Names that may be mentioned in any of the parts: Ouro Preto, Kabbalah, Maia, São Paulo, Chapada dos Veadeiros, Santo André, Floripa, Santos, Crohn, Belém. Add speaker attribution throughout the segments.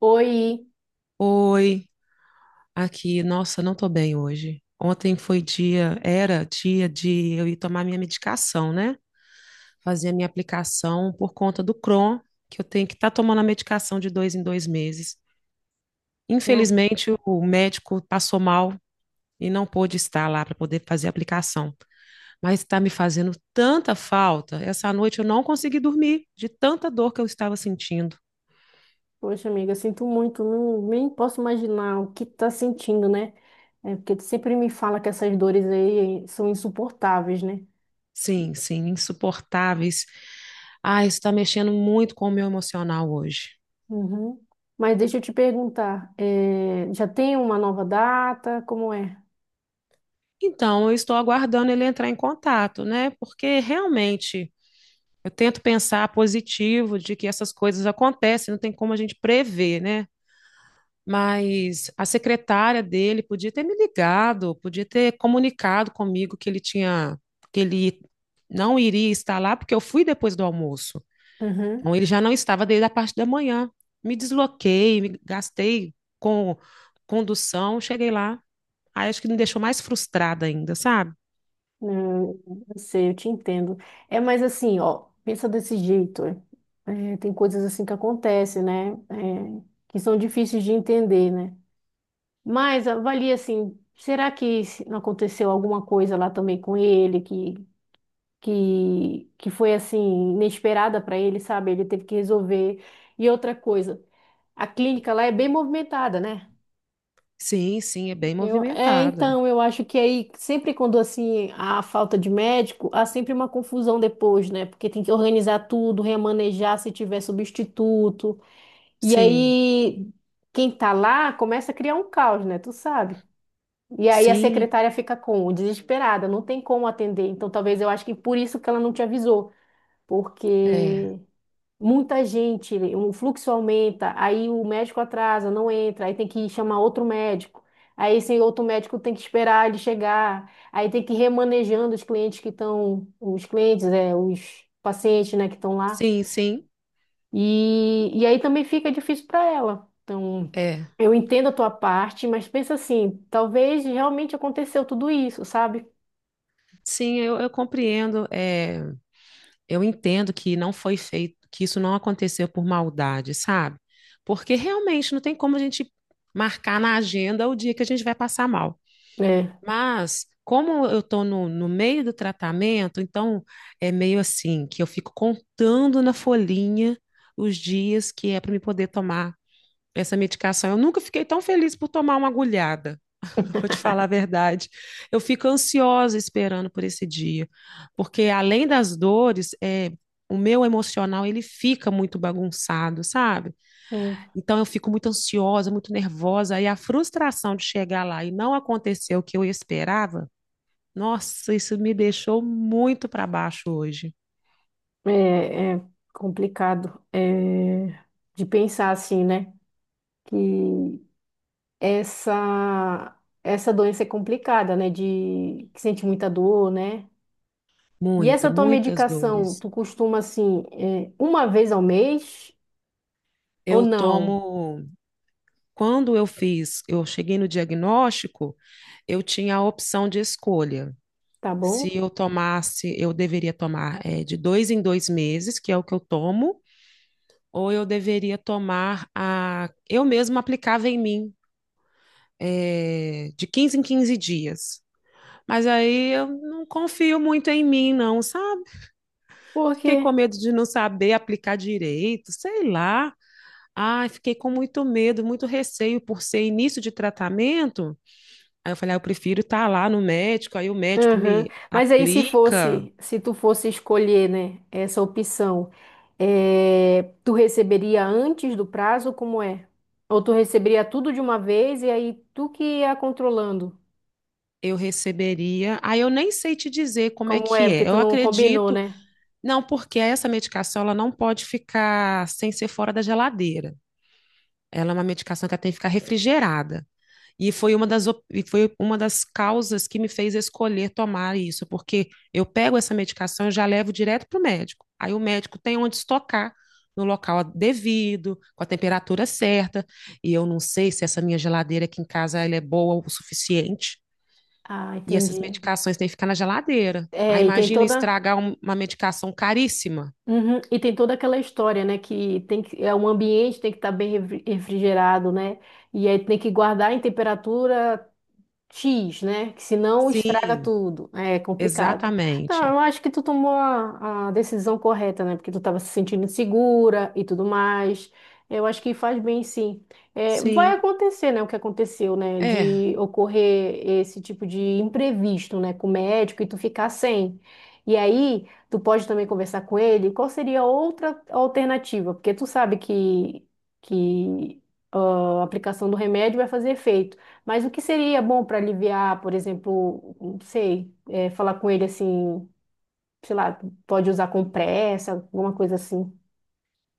Speaker 1: Oi,
Speaker 2: Oi, aqui. Nossa, não tô bem hoje. Ontem era dia de eu ir tomar minha medicação, né? Fazer a minha aplicação por conta do Crohn, que eu tenho que estar tomando a medicação de 2 em 2 meses.
Speaker 1: não,
Speaker 2: Infelizmente, o médico passou mal e não pôde estar lá para poder fazer a aplicação. Mas está me fazendo tanta falta. Essa noite eu não consegui dormir de tanta dor que eu estava sentindo.
Speaker 1: poxa amiga, sinto muito, não, nem posso imaginar o que tá sentindo, né? É porque tu sempre me fala que essas dores aí são insuportáveis, né?
Speaker 2: Sim, sim, insuportáveis. Ah, isso está mexendo muito com o meu emocional hoje.
Speaker 1: Uhum. Mas deixa eu te perguntar, já tem uma nova data? Como é?
Speaker 2: Então, eu estou aguardando ele entrar em contato, né? Porque realmente eu tento pensar positivo de que essas coisas acontecem, não tem como a gente prever, né? Mas a secretária dele podia ter me ligado, podia ter comunicado comigo que ele não iria estar lá, porque eu fui depois do almoço.
Speaker 1: Uhum.
Speaker 2: Então, ele já não estava desde a parte da manhã. Me desloquei, me gastei com condução, cheguei lá. Aí acho que me deixou mais frustrada ainda, sabe?
Speaker 1: Não, eu sei, eu te entendo. É, mas assim, ó, pensa desse jeito. Tem coisas assim que acontecem, né? Que são difíceis de entender, né? Mas avalia assim, será que não aconteceu alguma coisa lá também com ele que foi assim inesperada para ele, sabe? Ele teve que resolver. E outra coisa, a clínica lá é bem movimentada, né?
Speaker 2: Sim, sim, é bem movimentada.
Speaker 1: Então eu acho que aí sempre quando assim há falta de médico, há sempre uma confusão depois, né? Porque tem que organizar tudo, remanejar se tiver substituto. E
Speaker 2: Sim,
Speaker 1: aí quem tá lá começa a criar um caos, né? Tu sabe? E aí a
Speaker 2: sim,
Speaker 1: secretária fica como? Desesperada, não tem como atender. Então talvez eu acho que por isso que ela não te avisou,
Speaker 2: é.
Speaker 1: porque muita gente, o fluxo aumenta, aí o médico atrasa, não entra, aí tem que chamar outro médico. Aí esse outro médico tem que esperar ele chegar, aí tem que ir remanejando os clientes que estão, os clientes, é, os pacientes, né, que estão lá.
Speaker 2: Sim, sim,
Speaker 1: E aí também fica difícil para ela. Então,
Speaker 2: é.
Speaker 1: eu entendo a tua parte, mas pensa assim, talvez realmente aconteceu tudo isso, sabe?
Speaker 2: Sim, eu compreendo. É, eu entendo que não foi feito, que isso não aconteceu por maldade, sabe? Porque realmente não tem como a gente marcar na agenda o dia que a gente vai passar mal.
Speaker 1: É,
Speaker 2: Mas, como eu estou no meio do tratamento, então é meio assim que eu fico contando na folhinha os dias que é para me poder tomar essa medicação. Eu nunca fiquei tão feliz por tomar uma agulhada, vou te falar a verdade. Eu fico ansiosa esperando por esse dia, porque além das dores, o meu emocional ele fica muito bagunçado, sabe? Então eu fico muito ansiosa, muito nervosa, e a frustração de chegar lá e não acontecer o que eu esperava. Nossa, isso me deixou muito para baixo hoje.
Speaker 1: é complicado, de pensar assim, né? Que essa essa doença é complicada, né? De que sente muita dor, né? E
Speaker 2: Muita,
Speaker 1: essa tua
Speaker 2: muitas
Speaker 1: medicação,
Speaker 2: dores.
Speaker 1: tu costuma assim, uma vez ao mês ou
Speaker 2: Eu
Speaker 1: não?
Speaker 2: tomo. Quando eu fiz, eu cheguei no diagnóstico, eu tinha a opção de escolha.
Speaker 1: Tá
Speaker 2: Se
Speaker 1: bom?
Speaker 2: eu tomasse, eu deveria tomar de 2 em 2 meses, que é o que eu tomo, ou eu deveria tomar a. Eu mesma aplicava em mim, de 15 em 15 dias. Mas aí eu não confio muito em mim, não, sabe? Fiquei com
Speaker 1: Porque
Speaker 2: medo de não saber aplicar direito, sei lá. Ai, fiquei com muito medo, muito receio por ser início de tratamento. Aí eu falei, ah, eu prefiro estar lá no médico, aí o médico
Speaker 1: Aham.
Speaker 2: me
Speaker 1: Mas aí se
Speaker 2: aplica,
Speaker 1: fosse, se tu fosse escolher, né, essa opção, tu receberia antes do prazo, como é? Ou tu receberia tudo de uma vez e aí tu que ia controlando?
Speaker 2: eu receberia. Aí eu nem sei te dizer como é
Speaker 1: Como é?
Speaker 2: que
Speaker 1: Porque
Speaker 2: é.
Speaker 1: tu
Speaker 2: Eu
Speaker 1: não combinou,
Speaker 2: acredito,
Speaker 1: né?
Speaker 2: não, porque essa medicação ela não pode ficar sem ser fora da geladeira. Ela é uma medicação que ela tem que ficar refrigerada. E foi uma das causas que me fez escolher tomar isso, porque eu pego essa medicação e já levo direto para o médico. Aí o médico tem onde estocar no local devido, com a temperatura certa. E eu não sei se essa minha geladeira aqui em casa ela é boa o suficiente.
Speaker 1: Ah,
Speaker 2: E essas
Speaker 1: entendi.
Speaker 2: medicações têm que ficar na geladeira. Aí
Speaker 1: É, e tem
Speaker 2: imagina
Speaker 1: toda,
Speaker 2: estragar uma medicação caríssima.
Speaker 1: Uhum. E tem toda aquela história, né, que tem que é um ambiente tem que estar bem refrigerado, né? E aí tem que guardar em temperatura X, né? Que senão estraga
Speaker 2: Sim,
Speaker 1: tudo. É complicado. Não,
Speaker 2: exatamente.
Speaker 1: eu acho que tu tomou a decisão correta, né? Porque tu estava se sentindo insegura e tudo mais. Eu acho que faz bem, sim. É, vai
Speaker 2: Sim,
Speaker 1: acontecer, né? O que aconteceu, né?
Speaker 2: é.
Speaker 1: De ocorrer esse tipo de imprevisto, né? Com o médico e tu ficar sem. E aí, tu pode também conversar com ele. Qual seria outra alternativa? Porque tu sabe que ah, a aplicação do remédio vai fazer efeito. Mas o que seria bom para aliviar, por exemplo, não sei, é, falar com ele assim, sei lá, pode usar compressa, alguma coisa assim.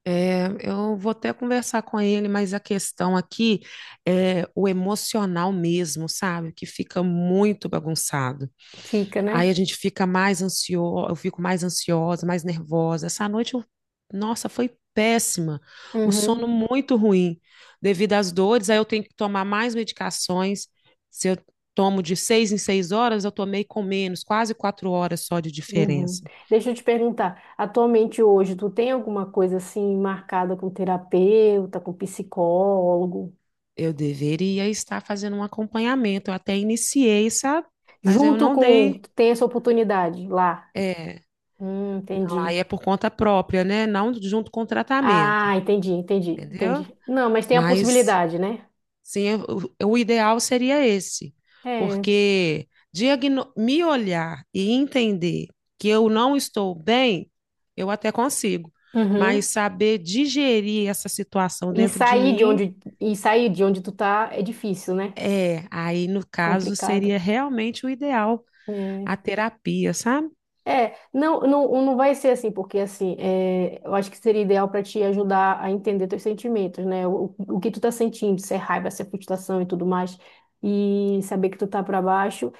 Speaker 2: É, eu vou até conversar com ele, mas a questão aqui é o emocional mesmo, sabe? Que fica muito bagunçado.
Speaker 1: Fica,
Speaker 2: Aí
Speaker 1: né?
Speaker 2: a gente fica mais ansioso, eu fico mais ansiosa, mais nervosa. Essa noite, nossa, foi péssima. O sono
Speaker 1: Uhum,
Speaker 2: muito ruim. Devido às dores, aí eu tenho que tomar mais medicações. Se eu tomo de 6 em 6 horas, eu tomei com menos, quase 4 horas só de
Speaker 1: uhum.
Speaker 2: diferença.
Speaker 1: Deixa eu te perguntar, atualmente hoje, tu tem alguma coisa assim marcada com terapeuta, com psicólogo?
Speaker 2: Eu deveria estar fazendo um acompanhamento. Eu até iniciei, sabe? Mas eu
Speaker 1: Junto
Speaker 2: não
Speaker 1: com,
Speaker 2: dei.
Speaker 1: tu tem essa oportunidade lá.
Speaker 2: É, não, aí
Speaker 1: Entendi.
Speaker 2: é por conta própria, né? Não junto com o tratamento,
Speaker 1: Ah,
Speaker 2: entendeu?
Speaker 1: entendi. Não, mas tem a
Speaker 2: Mas
Speaker 1: possibilidade, né?
Speaker 2: sim, o ideal seria esse,
Speaker 1: É.
Speaker 2: porque me olhar e entender que eu não estou bem, eu até consigo. Mas
Speaker 1: Uhum.
Speaker 2: saber digerir essa situação
Speaker 1: E
Speaker 2: dentro de
Speaker 1: sair de
Speaker 2: mim,
Speaker 1: onde, e sair de onde tu tá é difícil, né?
Speaker 2: aí no caso seria
Speaker 1: Complicado.
Speaker 2: realmente o ideal. A
Speaker 1: É.
Speaker 2: terapia, sabe?
Speaker 1: Não vai ser assim, porque assim, é, eu acho que seria ideal para te ajudar a entender teus sentimentos, né? O que tu tá sentindo, se é raiva, se é frustração e tudo mais, e saber que tu tá para baixo,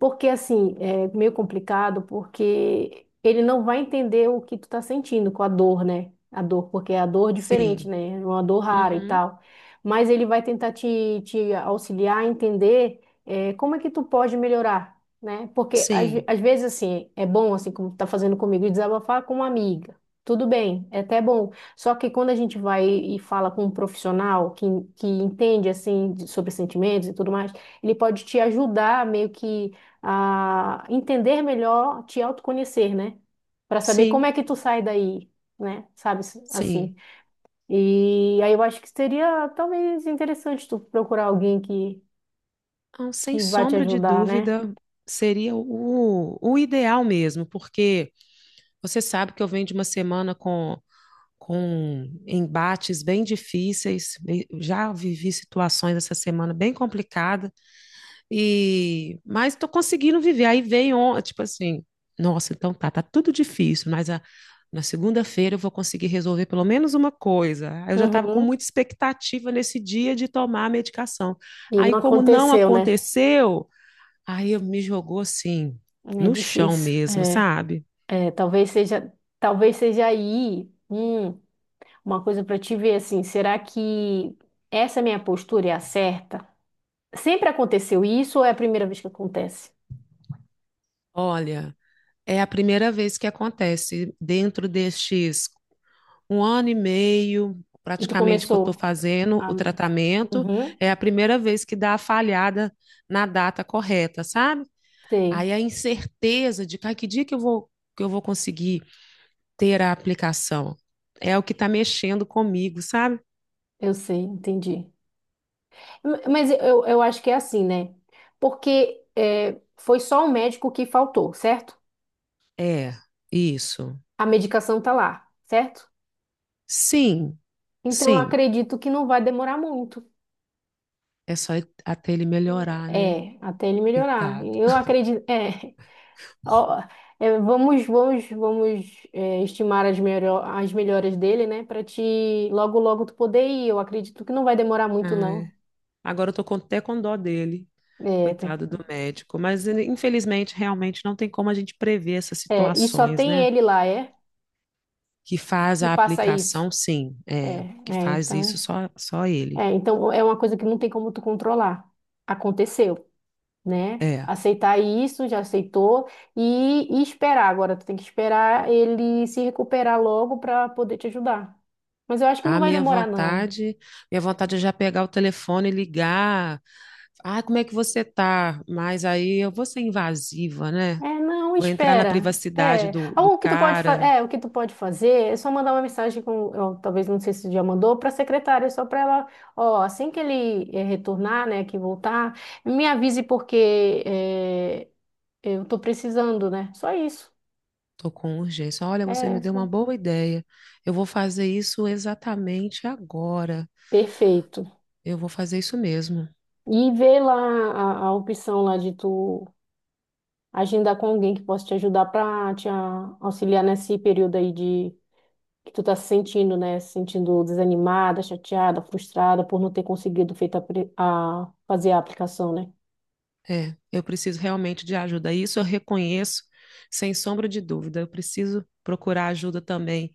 Speaker 1: porque assim, é meio complicado, porque ele não vai entender o que tu tá sentindo com a dor, né? A dor, porque é a dor diferente,
Speaker 2: Sim.
Speaker 1: né? É uma dor rara e
Speaker 2: Uhum.
Speaker 1: tal. Mas ele vai tentar te auxiliar a entender, é, como é que tu pode melhorar, né? Porque
Speaker 2: Sim.
Speaker 1: às vezes assim, é bom assim como tá fazendo comigo, desabafar com uma amiga. Tudo bem, é até bom. Só que quando a gente vai e fala com um profissional que entende assim sobre sentimentos e tudo mais, ele pode te ajudar meio que a entender melhor, te autoconhecer, né? Para saber como
Speaker 2: Sim.
Speaker 1: é que tu sai daí, né? Sabe assim.
Speaker 2: Sim.
Speaker 1: E aí eu acho que seria talvez interessante tu procurar alguém que
Speaker 2: Então, sem
Speaker 1: que vai te
Speaker 2: sombra de
Speaker 1: ajudar, né?
Speaker 2: dúvida, seria o ideal mesmo, porque você sabe que eu venho de uma semana com embates bem difíceis, e já vivi situações essa semana bem complicada, mas tô conseguindo viver. Aí veio, tipo assim, nossa, então tá tudo difícil, mas na segunda-feira eu vou conseguir resolver pelo menos uma coisa. Aí eu já estava com
Speaker 1: Uhum.
Speaker 2: muita expectativa nesse dia de tomar a medicação.
Speaker 1: E
Speaker 2: Aí,
Speaker 1: não
Speaker 2: como não
Speaker 1: aconteceu, né?
Speaker 2: aconteceu, aí eu me jogou assim,
Speaker 1: É
Speaker 2: no chão
Speaker 1: difícil.
Speaker 2: mesmo, sabe?
Speaker 1: É, talvez seja, talvez seja aí, uma coisa para te ver assim, será que essa minha postura é a certa? Sempre aconteceu isso ou é a primeira vez que acontece?
Speaker 2: Olha, é a primeira vez que acontece dentro destes um ano e meio,
Speaker 1: E tu
Speaker 2: praticamente, que eu estou
Speaker 1: começou
Speaker 2: fazendo
Speaker 1: a...
Speaker 2: o tratamento.
Speaker 1: Uhum,
Speaker 2: É a primeira vez que dá a falhada na data correta, sabe?
Speaker 1: sei,
Speaker 2: Aí a incerteza de cara, que dia que eu vou conseguir ter a aplicação é o que está mexendo comigo, sabe?
Speaker 1: eu sei, entendi. Mas eu acho que é assim, né? Porque é, foi só o médico que faltou, certo?
Speaker 2: É, isso.
Speaker 1: A medicação tá lá, certo?
Speaker 2: Sim,
Speaker 1: Então eu
Speaker 2: sim.
Speaker 1: acredito que não vai demorar muito.
Speaker 2: É só até ele melhorar, né?
Speaker 1: É, até ele melhorar.
Speaker 2: Coitado.
Speaker 1: Eu acredito. É, ó, é, vamos estimar as melhoras dele, né? Para te logo, logo tu poder ir. Eu acredito que não vai demorar muito, não.
Speaker 2: Ai. Agora eu tô até com dó dele,
Speaker 1: É, tem-
Speaker 2: coitado do médico. Mas ele, infelizmente, realmente não tem como a gente prever essas
Speaker 1: é, e só
Speaker 2: situações,
Speaker 1: tem
Speaker 2: né?
Speaker 1: ele lá, é?
Speaker 2: Que faz
Speaker 1: E
Speaker 2: a
Speaker 1: faça isso.
Speaker 2: aplicação, sim, é.
Speaker 1: É,
Speaker 2: Que
Speaker 1: é,
Speaker 2: faz
Speaker 1: então.
Speaker 2: isso só ele.
Speaker 1: Então é uma coisa que não tem como tu controlar. Aconteceu. Né?
Speaker 2: É.
Speaker 1: Aceitar isso, já aceitou, e esperar. Agora, tu tem que esperar ele se recuperar logo para poder te ajudar. Mas eu acho que não
Speaker 2: A
Speaker 1: vai
Speaker 2: minha
Speaker 1: demorar, não.
Speaker 2: vontade, minha vontade é já pegar o telefone e ligar. Ah, como é que você tá? Mas aí eu vou ser invasiva, né?
Speaker 1: É, não,
Speaker 2: Vou entrar na
Speaker 1: espera.
Speaker 2: privacidade
Speaker 1: É,
Speaker 2: do,
Speaker 1: ah,
Speaker 2: do
Speaker 1: o que tu pode
Speaker 2: cara.
Speaker 1: o que tu pode fazer é só mandar uma mensagem com, ó, talvez não sei se tu já mandou, para a secretária, só para ela, ó, assim que ele retornar, né, que voltar, me avise porque eu tô precisando, né? Só isso.
Speaker 2: Tô com urgência. Olha, você
Speaker 1: É,
Speaker 2: me deu uma
Speaker 1: assim.
Speaker 2: boa ideia. Eu vou fazer isso exatamente agora.
Speaker 1: Perfeito.
Speaker 2: Eu vou fazer isso mesmo.
Speaker 1: E ver lá a opção lá de tu agendar com alguém que possa te ajudar para te auxiliar nesse período aí de que tu tá se sentindo, né? Se sentindo desanimada, chateada, frustrada por não ter conseguido feita a, pre- a- fazer a aplicação, né?
Speaker 2: É, eu preciso realmente de ajuda. Isso eu reconheço, sem sombra de dúvida. Eu preciso procurar ajuda também,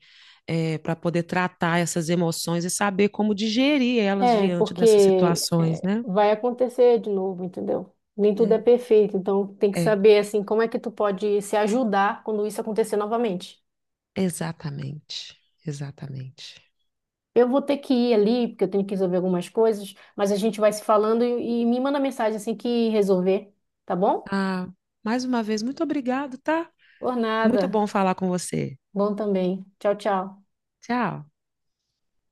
Speaker 2: para poder tratar essas emoções e saber como digerir elas
Speaker 1: É,
Speaker 2: diante dessas
Speaker 1: porque
Speaker 2: situações,
Speaker 1: é,
Speaker 2: né?
Speaker 1: vai acontecer de novo, entendeu? Nem tudo é
Speaker 2: É,
Speaker 1: perfeito, então tem que
Speaker 2: é,
Speaker 1: saber assim como é que tu pode se ajudar quando isso acontecer novamente.
Speaker 2: exatamente. Exatamente.
Speaker 1: Eu vou ter que ir ali, porque eu tenho que resolver algumas coisas, mas a gente vai se falando e me manda mensagem assim que resolver, tá bom?
Speaker 2: Ah, mais uma vez, muito obrigado, tá?
Speaker 1: Por
Speaker 2: Muito
Speaker 1: nada.
Speaker 2: bom falar com você.
Speaker 1: Bom também. Tchau, tchau.
Speaker 2: Tchau.